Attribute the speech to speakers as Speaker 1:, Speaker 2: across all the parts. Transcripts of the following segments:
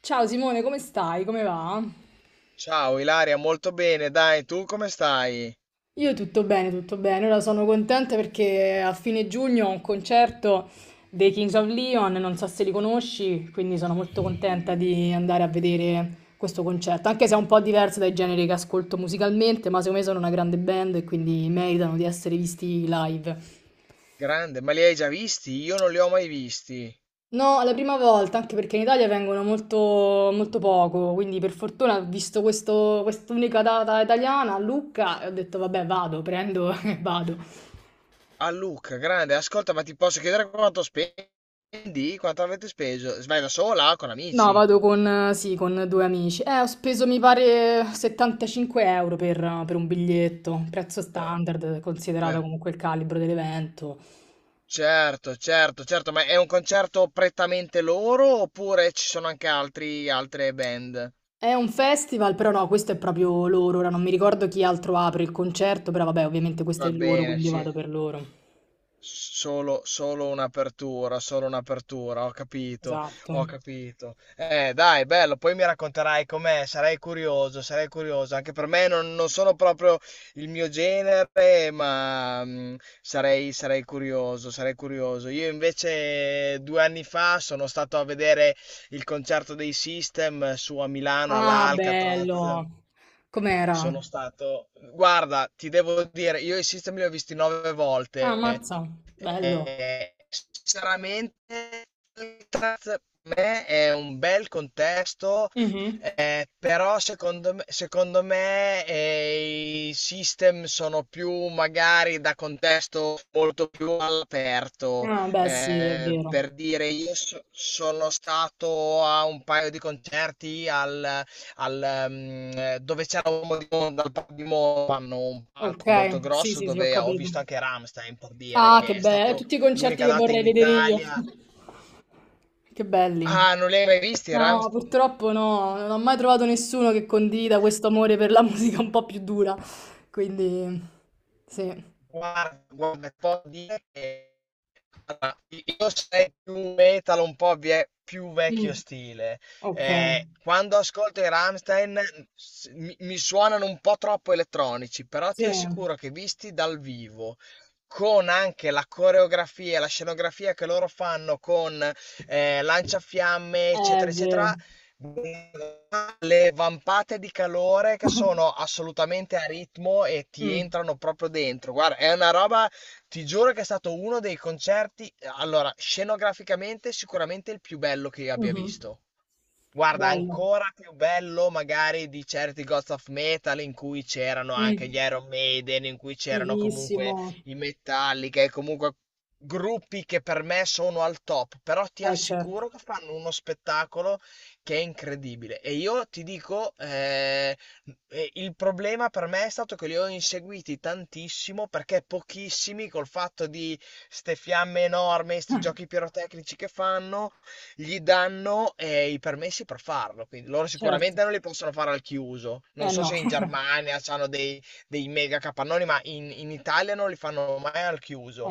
Speaker 1: Ciao Simone, come stai? Come va?
Speaker 2: Ciao Ilaria, molto bene, dai, tu come stai?
Speaker 1: Io tutto bene, tutto bene. Ora sono contenta perché a fine giugno ho un concerto dei Kings of Leon, non so se li conosci, quindi sono molto
Speaker 2: Ehi,
Speaker 1: contenta di andare a vedere questo concerto, anche se è un po' diverso dai generi che ascolto musicalmente, ma secondo me sono una grande band e quindi meritano di essere visti live.
Speaker 2: grande, ma li hai già visti? Io non li ho mai visti.
Speaker 1: No, la prima volta, anche perché in Italia vengono molto, molto poco, quindi per fortuna ho visto questo, quest'unica data italiana a Lucca e ho detto vabbè vado, prendo e vado.
Speaker 2: A Luca, grande, ascolta, ma ti posso chiedere quanto spendi? Quanto avete speso? Vai da sola o con
Speaker 1: No,
Speaker 2: amici?
Speaker 1: vado con, sì, con due amici. Ho speso mi pare 75 euro per un biglietto, prezzo
Speaker 2: Però,
Speaker 1: standard, considerato
Speaker 2: per-
Speaker 1: comunque il calibro dell'evento.
Speaker 2: Certo, certo, certo, ma è un concerto prettamente loro oppure ci sono anche altri, altre band?
Speaker 1: È un festival, però no, questo è proprio loro, ora non mi ricordo chi altro apre il concerto, però vabbè ovviamente questo è
Speaker 2: Va
Speaker 1: il loro,
Speaker 2: bene,
Speaker 1: quindi
Speaker 2: sì.
Speaker 1: vado per loro.
Speaker 2: Solo un'apertura, solo un'apertura, ho capito,
Speaker 1: Esatto.
Speaker 2: ho capito. Dai, bello, poi mi racconterai com'è, sarei curioso, sarei curioso. Anche per me non sono proprio il mio genere, ma sarei curioso, sarei curioso. Io invece 2 anni fa sono stato a vedere il concerto dei System su a Milano
Speaker 1: Ah,
Speaker 2: all'Alcatraz
Speaker 1: bello. Com'era?
Speaker 2: Guarda, ti devo dire, io i System li ho visti nove
Speaker 1: Ah,
Speaker 2: volte.
Speaker 1: mazza, bello.
Speaker 2: Sinceramente, per me è un bel contesto
Speaker 1: Mhm.
Speaker 2: però i System sono più magari da contesto molto più all'aperto.
Speaker 1: Ah, beh, sì, è vero.
Speaker 2: Per dire, io sono stato a un paio di concerti dove c'era un di Monza, al Parco di Monza, hanno un palco
Speaker 1: Ok,
Speaker 2: molto
Speaker 1: sì,
Speaker 2: grosso
Speaker 1: sì, sì, ho
Speaker 2: dove ho
Speaker 1: capito.
Speaker 2: visto anche Rammstein, per dire,
Speaker 1: Ah,
Speaker 2: che
Speaker 1: che
Speaker 2: è
Speaker 1: bello,
Speaker 2: stato
Speaker 1: tutti i concerti
Speaker 2: l'unica
Speaker 1: che
Speaker 2: data
Speaker 1: vorrei
Speaker 2: in
Speaker 1: vedere io.
Speaker 2: Italia.
Speaker 1: Che belli.
Speaker 2: Ah, non li hai mai visti,
Speaker 1: No,
Speaker 2: Rammstein?
Speaker 1: purtroppo no, non ho mai trovato nessuno che condivida questo amore per la musica un po' più dura. Quindi, sì.
Speaker 2: Guarda, guarda, può dire che allora, io sei più metal, un po' più vecchio
Speaker 1: Mm,
Speaker 2: stile.
Speaker 1: ok,
Speaker 2: Quando ascolto i Rammstein mi suonano un po' troppo elettronici, però ti
Speaker 1: sì,
Speaker 2: assicuro che visti dal vivo, con anche la coreografia, e la scenografia che loro fanno con lanciafiamme,
Speaker 1: è
Speaker 2: eccetera,
Speaker 1: vero.
Speaker 2: eccetera, le vampate di calore che sono assolutamente a ritmo e ti
Speaker 1: Mm,
Speaker 2: entrano proprio dentro. Guarda, è una roba. Ti giuro che è stato uno dei concerti, allora, scenograficamente sicuramente il più bello che io abbia
Speaker 1: mhm.
Speaker 2: visto. Guarda,
Speaker 1: Bello.
Speaker 2: ancora più bello magari di certi Gods of Metal in cui c'erano anche gli
Speaker 1: Mm.
Speaker 2: Iron Maiden, in cui c'erano
Speaker 1: Fighissimo.
Speaker 2: comunque i Metallica e comunque gruppi che per me sono al top, però ti
Speaker 1: Certo.
Speaker 2: assicuro che fanno uno spettacolo che è incredibile. E io ti dico, il problema per me è stato che li ho inseguiti tantissimo perché pochissimi col fatto di ste fiamme enormi, sti
Speaker 1: Ah,
Speaker 2: giochi pirotecnici che fanno gli danno i permessi per farlo, quindi loro
Speaker 1: certo.
Speaker 2: sicuramente non li possono fare al chiuso. Non
Speaker 1: Eh
Speaker 2: so
Speaker 1: no,
Speaker 2: se in Germania hanno dei mega capannoni, ma in Italia non li fanno mai al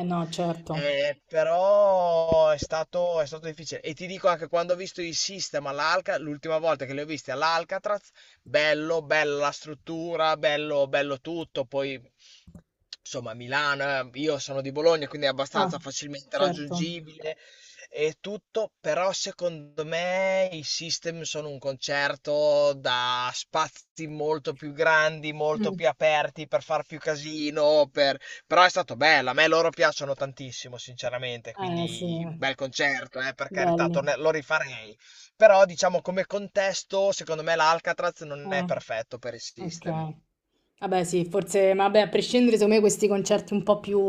Speaker 1: eh no, certo.
Speaker 2: Però è stato difficile. E ti dico anche quando ho visto i System l'ultima volta che li ho visti all'Alcatraz, bello, bella la struttura, bello, bello tutto. Poi insomma, Milano, io sono di Bologna, quindi è
Speaker 1: Ah,
Speaker 2: abbastanza facilmente
Speaker 1: certo.
Speaker 2: raggiungibile e tutto, però secondo me i System sono un concerto da spazi molto più grandi, molto
Speaker 1: Mm.
Speaker 2: più aperti per far più casino, però è stato bello, a me loro piacciono tantissimo, sinceramente,
Speaker 1: Eh sì,
Speaker 2: quindi bel concerto, per carità,
Speaker 1: belli.
Speaker 2: lo rifarei, però diciamo come contesto, secondo me l'Alcatraz non è
Speaker 1: Mm,
Speaker 2: perfetto per i System.
Speaker 1: ok. Vabbè sì, forse, ma vabbè, a prescindere, secondo me questi concerti un po' più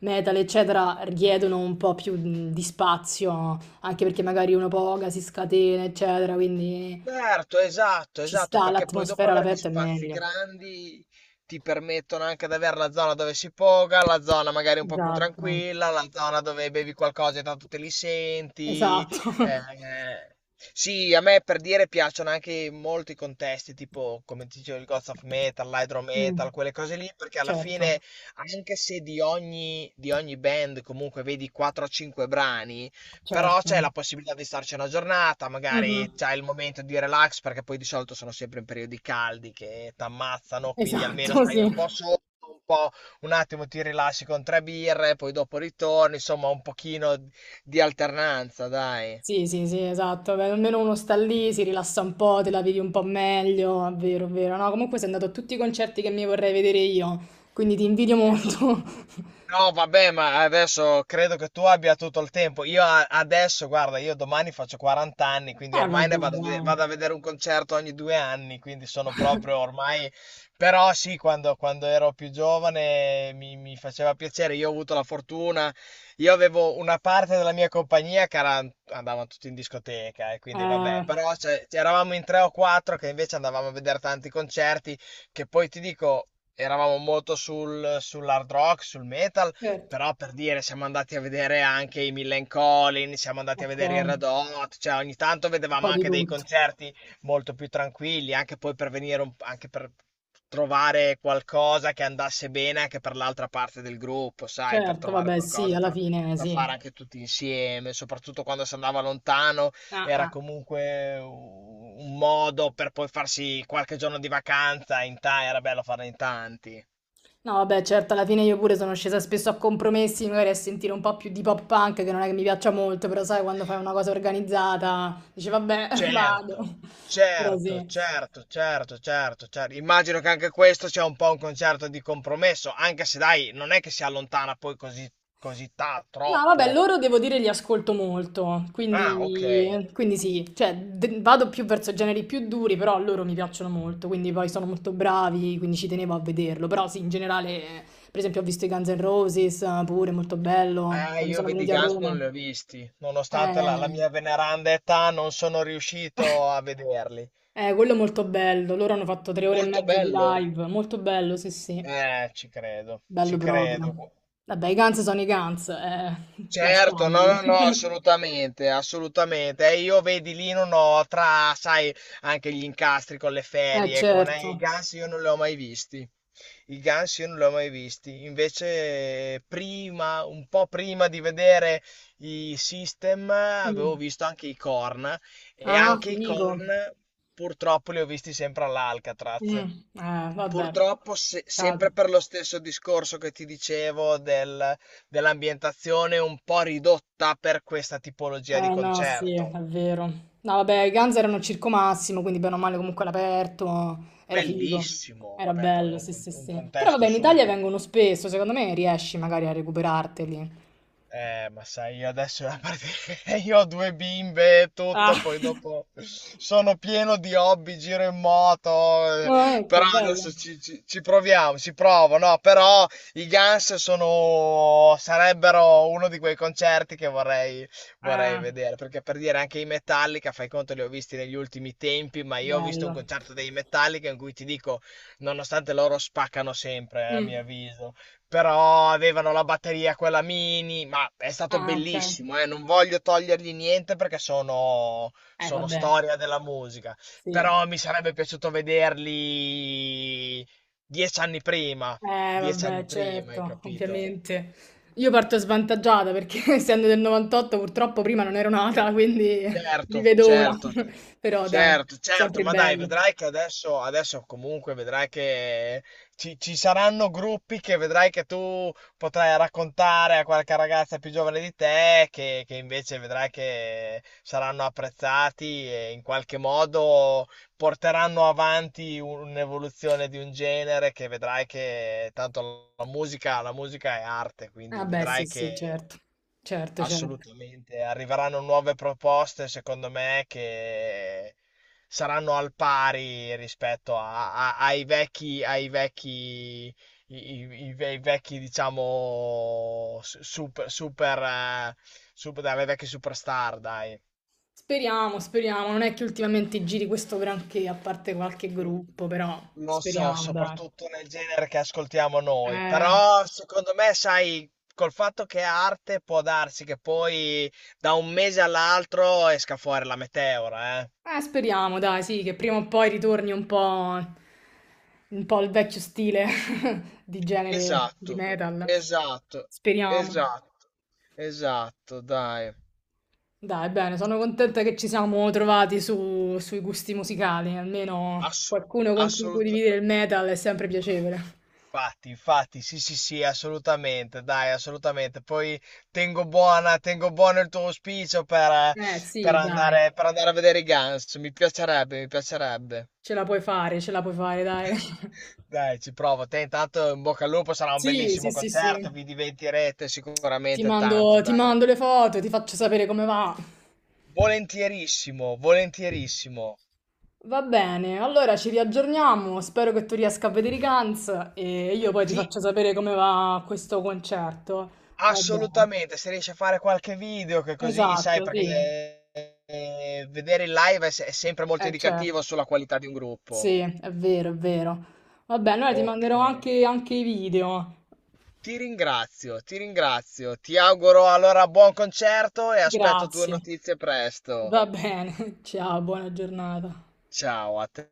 Speaker 1: metal, eccetera, richiedono un po' più di spazio, anche perché magari uno poga si scatena, eccetera, quindi
Speaker 2: Certo, esatto,
Speaker 1: ci
Speaker 2: esatto,
Speaker 1: sta,
Speaker 2: perché poi dopo
Speaker 1: l'atmosfera
Speaker 2: avere gli
Speaker 1: all'aperto è
Speaker 2: spazi
Speaker 1: meglio.
Speaker 2: grandi ti permettono anche di avere la zona dove si poga, la zona magari un po' più
Speaker 1: Esatto,
Speaker 2: tranquilla, la zona dove bevi qualcosa e tanto te li senti.
Speaker 1: esatto.
Speaker 2: Eh. Sì, a me per dire piacciono anche molto i contesti, tipo come ti dicevo il Gods of Metal, l'Hydro
Speaker 1: Mh,
Speaker 2: Metal, quelle cose lì, perché alla
Speaker 1: certo,
Speaker 2: fine, anche se di ogni band comunque vedi 4 o 5 brani, però c'è la
Speaker 1: certo.
Speaker 2: possibilità di starci una giornata,
Speaker 1: Mh-mh.
Speaker 2: magari c'hai il momento di relax, perché poi di solito sono sempre in periodi caldi che t'ammazzano, quindi almeno
Speaker 1: Esatto,
Speaker 2: stai
Speaker 1: sì.
Speaker 2: un po' sotto, un po' un attimo ti rilassi con tre birre, poi dopo ritorni, insomma un pochino di alternanza, dai.
Speaker 1: Sì, sì, sì, esatto. Beh, almeno uno sta lì, si rilassa un po', te la vivi un po' meglio. È vero, è vero. No, comunque sei andato a tutti i concerti che mi vorrei vedere io, quindi ti invidio molto.
Speaker 2: No, vabbè, ma adesso credo che tu abbia tutto il tempo. Io adesso, guarda, io domani faccio 40 anni, quindi ormai
Speaker 1: Vabbè,
Speaker 2: ne vado
Speaker 1: dai.
Speaker 2: vado a vedere un concerto ogni 2 anni, quindi sono proprio ormai... Però sì, quando ero più giovane mi faceva piacere, io ho avuto la fortuna, io avevo una parte della mia compagnia andavano tutti in discoteca e quindi
Speaker 1: Eh,
Speaker 2: vabbè, però cioè, eravamo in tre o quattro che invece andavamo a vedere tanti concerti, che poi ti dico eravamo molto sull'hard rock, sul metal,
Speaker 1: certo.
Speaker 2: però per dire siamo andati a vedere anche i Millen Collin, siamo andati a
Speaker 1: Okay,
Speaker 2: vedere i
Speaker 1: un
Speaker 2: Red Hot, cioè ogni tanto vedevamo
Speaker 1: po' di
Speaker 2: anche dei
Speaker 1: tutto.
Speaker 2: concerti molto più tranquilli, anche poi per venire un anche per trovare qualcosa che andasse bene anche per l'altra parte del gruppo, sai, per
Speaker 1: Certo,
Speaker 2: trovare
Speaker 1: vabbè, sì,
Speaker 2: qualcosa
Speaker 1: alla
Speaker 2: per
Speaker 1: fine
Speaker 2: da
Speaker 1: sì.
Speaker 2: fare anche tutti insieme, soprattutto quando si andava lontano
Speaker 1: Ah,
Speaker 2: era
Speaker 1: ah.
Speaker 2: comunque un modo per poi farsi qualche giorno di vacanza era bello farlo in tanti.
Speaker 1: No, vabbè, certo, alla fine io pure sono scesa spesso a compromessi, magari a sentire un po' più di pop punk, che non è che mi piaccia molto, però sai, quando fai una cosa organizzata, dici, vabbè, vado.
Speaker 2: Certo,
Speaker 1: Però
Speaker 2: certo,
Speaker 1: sì.
Speaker 2: certo, certo, certo, certo. Immagino che anche questo sia un po' un concerto di compromesso, anche se dai, non è che si allontana poi così
Speaker 1: No, vabbè,
Speaker 2: troppo.
Speaker 1: loro devo dire li ascolto molto,
Speaker 2: Ah,
Speaker 1: quindi,
Speaker 2: ok.
Speaker 1: quindi sì, cioè de- vado più verso generi più duri, però loro mi piacciono molto, quindi poi sono molto bravi, quindi ci tenevo a vederlo, però sì, in generale, per esempio ho visto i Guns N' Roses, pure molto bello, quando
Speaker 2: Io
Speaker 1: sono
Speaker 2: vedi i
Speaker 1: venuti a
Speaker 2: Guns non
Speaker 1: Roma.
Speaker 2: li ho visti, nonostante la
Speaker 1: Eh,
Speaker 2: mia veneranda età non sono riuscito a vederli.
Speaker 1: Eh, quello è molto bello. Loro hanno fatto tre ore e
Speaker 2: Molto
Speaker 1: mezza di
Speaker 2: bello.
Speaker 1: live. Molto bello, sì, sì.
Speaker 2: Ci credo,
Speaker 1: Bello
Speaker 2: ci credo.
Speaker 1: proprio. Vabbè, i Guns sono i Guns, eh.
Speaker 2: Certo, no,
Speaker 1: Lasciamoli.
Speaker 2: no, no, assolutamente, assolutamente. E io vedi lì non ho sai, anche gli incastri con le ferie, con
Speaker 1: Certo.
Speaker 2: i Guns io non li ho mai visti. I Guns io non li ho mai visti. Invece prima, un po' prima di vedere i System, avevo
Speaker 1: Mm.
Speaker 2: visto anche i Korn e
Speaker 1: Ah,
Speaker 2: anche i
Speaker 1: figo.
Speaker 2: Korn purtroppo li ho visti sempre all'Alcatraz.
Speaker 1: Mm. Vabbè.
Speaker 2: Purtroppo sempre
Speaker 1: Peccato.
Speaker 2: per lo stesso discorso che ti dicevo dell'ambientazione un po' ridotta per questa tipologia di
Speaker 1: No, sì, è
Speaker 2: concerto.
Speaker 1: vero. No, vabbè, i Guns erano al Circo Massimo, quindi bene o male comunque all'aperto. Era figo.
Speaker 2: Bellissimo,
Speaker 1: Era
Speaker 2: vabbè, poi
Speaker 1: bello, sì, sì,
Speaker 2: un
Speaker 1: sì. Però
Speaker 2: contesto
Speaker 1: vabbè, in Italia
Speaker 2: super.
Speaker 1: vengono spesso, secondo me riesci magari a recuperarteli.
Speaker 2: Ma sai, io adesso io ho due bimbe e tutto,
Speaker 1: Ah.
Speaker 2: poi dopo sono pieno di hobby, giro in moto,
Speaker 1: Oh, ecco,
Speaker 2: però
Speaker 1: bello.
Speaker 2: adesso ci proviamo, ci provo, no? Però i Guns sono, sarebbero uno di quei concerti che vorrei, vorrei
Speaker 1: Ah,
Speaker 2: vedere, perché per dire anche i Metallica, fai conto, li ho visti negli ultimi tempi, ma io ho visto un
Speaker 1: bello.
Speaker 2: concerto dei Metallica in cui ti dico, nonostante loro spaccano sempre, a mio
Speaker 1: Mm.
Speaker 2: avviso però avevano la batteria quella mini, ma è stato
Speaker 1: Ah, ok.
Speaker 2: bellissimo, non voglio togliergli niente perché sono, sono
Speaker 1: Vabbè,
Speaker 2: storia della musica,
Speaker 1: sì.
Speaker 2: però mi sarebbe piaciuto vederli 10 anni prima, dieci
Speaker 1: Vabbè,
Speaker 2: anni prima, hai
Speaker 1: certo,
Speaker 2: capito?
Speaker 1: ovviamente. Io parto svantaggiata perché essendo del 98 purtroppo prima non ero nata, quindi li
Speaker 2: Certo,
Speaker 1: vedo ora.
Speaker 2: certo,
Speaker 1: Però dai,
Speaker 2: certo, certo,
Speaker 1: sempre
Speaker 2: ma dai,
Speaker 1: bello.
Speaker 2: vedrai che adesso comunque vedrai che ci saranno gruppi che vedrai che tu potrai raccontare a qualche ragazza più giovane di te, che invece vedrai che saranno apprezzati e in qualche modo porteranno avanti un'evoluzione di un genere che vedrai che tanto la musica è arte,
Speaker 1: Ah
Speaker 2: quindi
Speaker 1: beh, sì,
Speaker 2: vedrai
Speaker 1: sì,
Speaker 2: che
Speaker 1: certo. Certo, certo.
Speaker 2: assolutamente, arriveranno nuove proposte, secondo me, che saranno al pari rispetto ai vecchi, i vecchi, diciamo, super, super, super, dai, le vecchie superstar, dai.
Speaker 1: Speriamo, speriamo. Non è che ultimamente giri questo granché, a parte qualche
Speaker 2: Lo
Speaker 1: gruppo, però
Speaker 2: lo so,
Speaker 1: speriamo, dai.
Speaker 2: soprattutto nel genere che ascoltiamo noi,
Speaker 1: Eh...
Speaker 2: però secondo me, sai, col fatto che è arte può darsi che poi da un mese all'altro esca fuori la meteora, eh.
Speaker 1: Speriamo, dai, sì, che prima o poi ritorni un po' il vecchio stile di genere di
Speaker 2: Esatto,
Speaker 1: metal.
Speaker 2: esatto,
Speaker 1: Speriamo.
Speaker 2: esatto, esatto, dai.
Speaker 1: Dai, bene, sono contenta che ci siamo trovati su- sui gusti musicali, almeno
Speaker 2: Ass-
Speaker 1: qualcuno con cui
Speaker 2: assoluta-
Speaker 1: condividere il metal è sempre piacevole.
Speaker 2: Infatti, infatti, sì, sì, sì, assolutamente, dai, assolutamente. Poi tengo buona, tengo buono il tuo auspicio per, eh, per
Speaker 1: Sì, dai,
Speaker 2: andare, per andare a vedere i Guns. Mi piacerebbe, mi piacerebbe.
Speaker 1: ce la puoi fare, ce la puoi fare, dai.
Speaker 2: Dai, ci provo. Te intanto in bocca al lupo, sarà un
Speaker 1: Sì, sì,
Speaker 2: bellissimo
Speaker 1: sì, sì.
Speaker 2: concerto, vi divertirete sicuramente tanto,
Speaker 1: Ti
Speaker 2: dai.
Speaker 1: mando le foto, ti faccio sapere come va.
Speaker 2: Volentierissimo, volentierissimo.
Speaker 1: Va bene, allora ci riaggiorniamo, spero che tu riesca a vedere i Guns e io poi ti
Speaker 2: Ti,
Speaker 1: faccio sapere come va questo concerto. Va bene,
Speaker 2: Assolutamente, se riesci a fare qualche video che così sai,
Speaker 1: esatto, sì,
Speaker 2: perché vedere il live è, se- è sempre molto
Speaker 1: eh certo,
Speaker 2: indicativo sulla qualità di un gruppo.
Speaker 1: sì, è vero, è vero. Va bene, allora ti
Speaker 2: Ok.
Speaker 1: manderò anche i video.
Speaker 2: Ti ringrazio, ti ringrazio. Ti auguro allora buon concerto e aspetto tue
Speaker 1: Grazie,
Speaker 2: notizie presto.
Speaker 1: va bene, ciao, buona giornata.
Speaker 2: Ciao a te.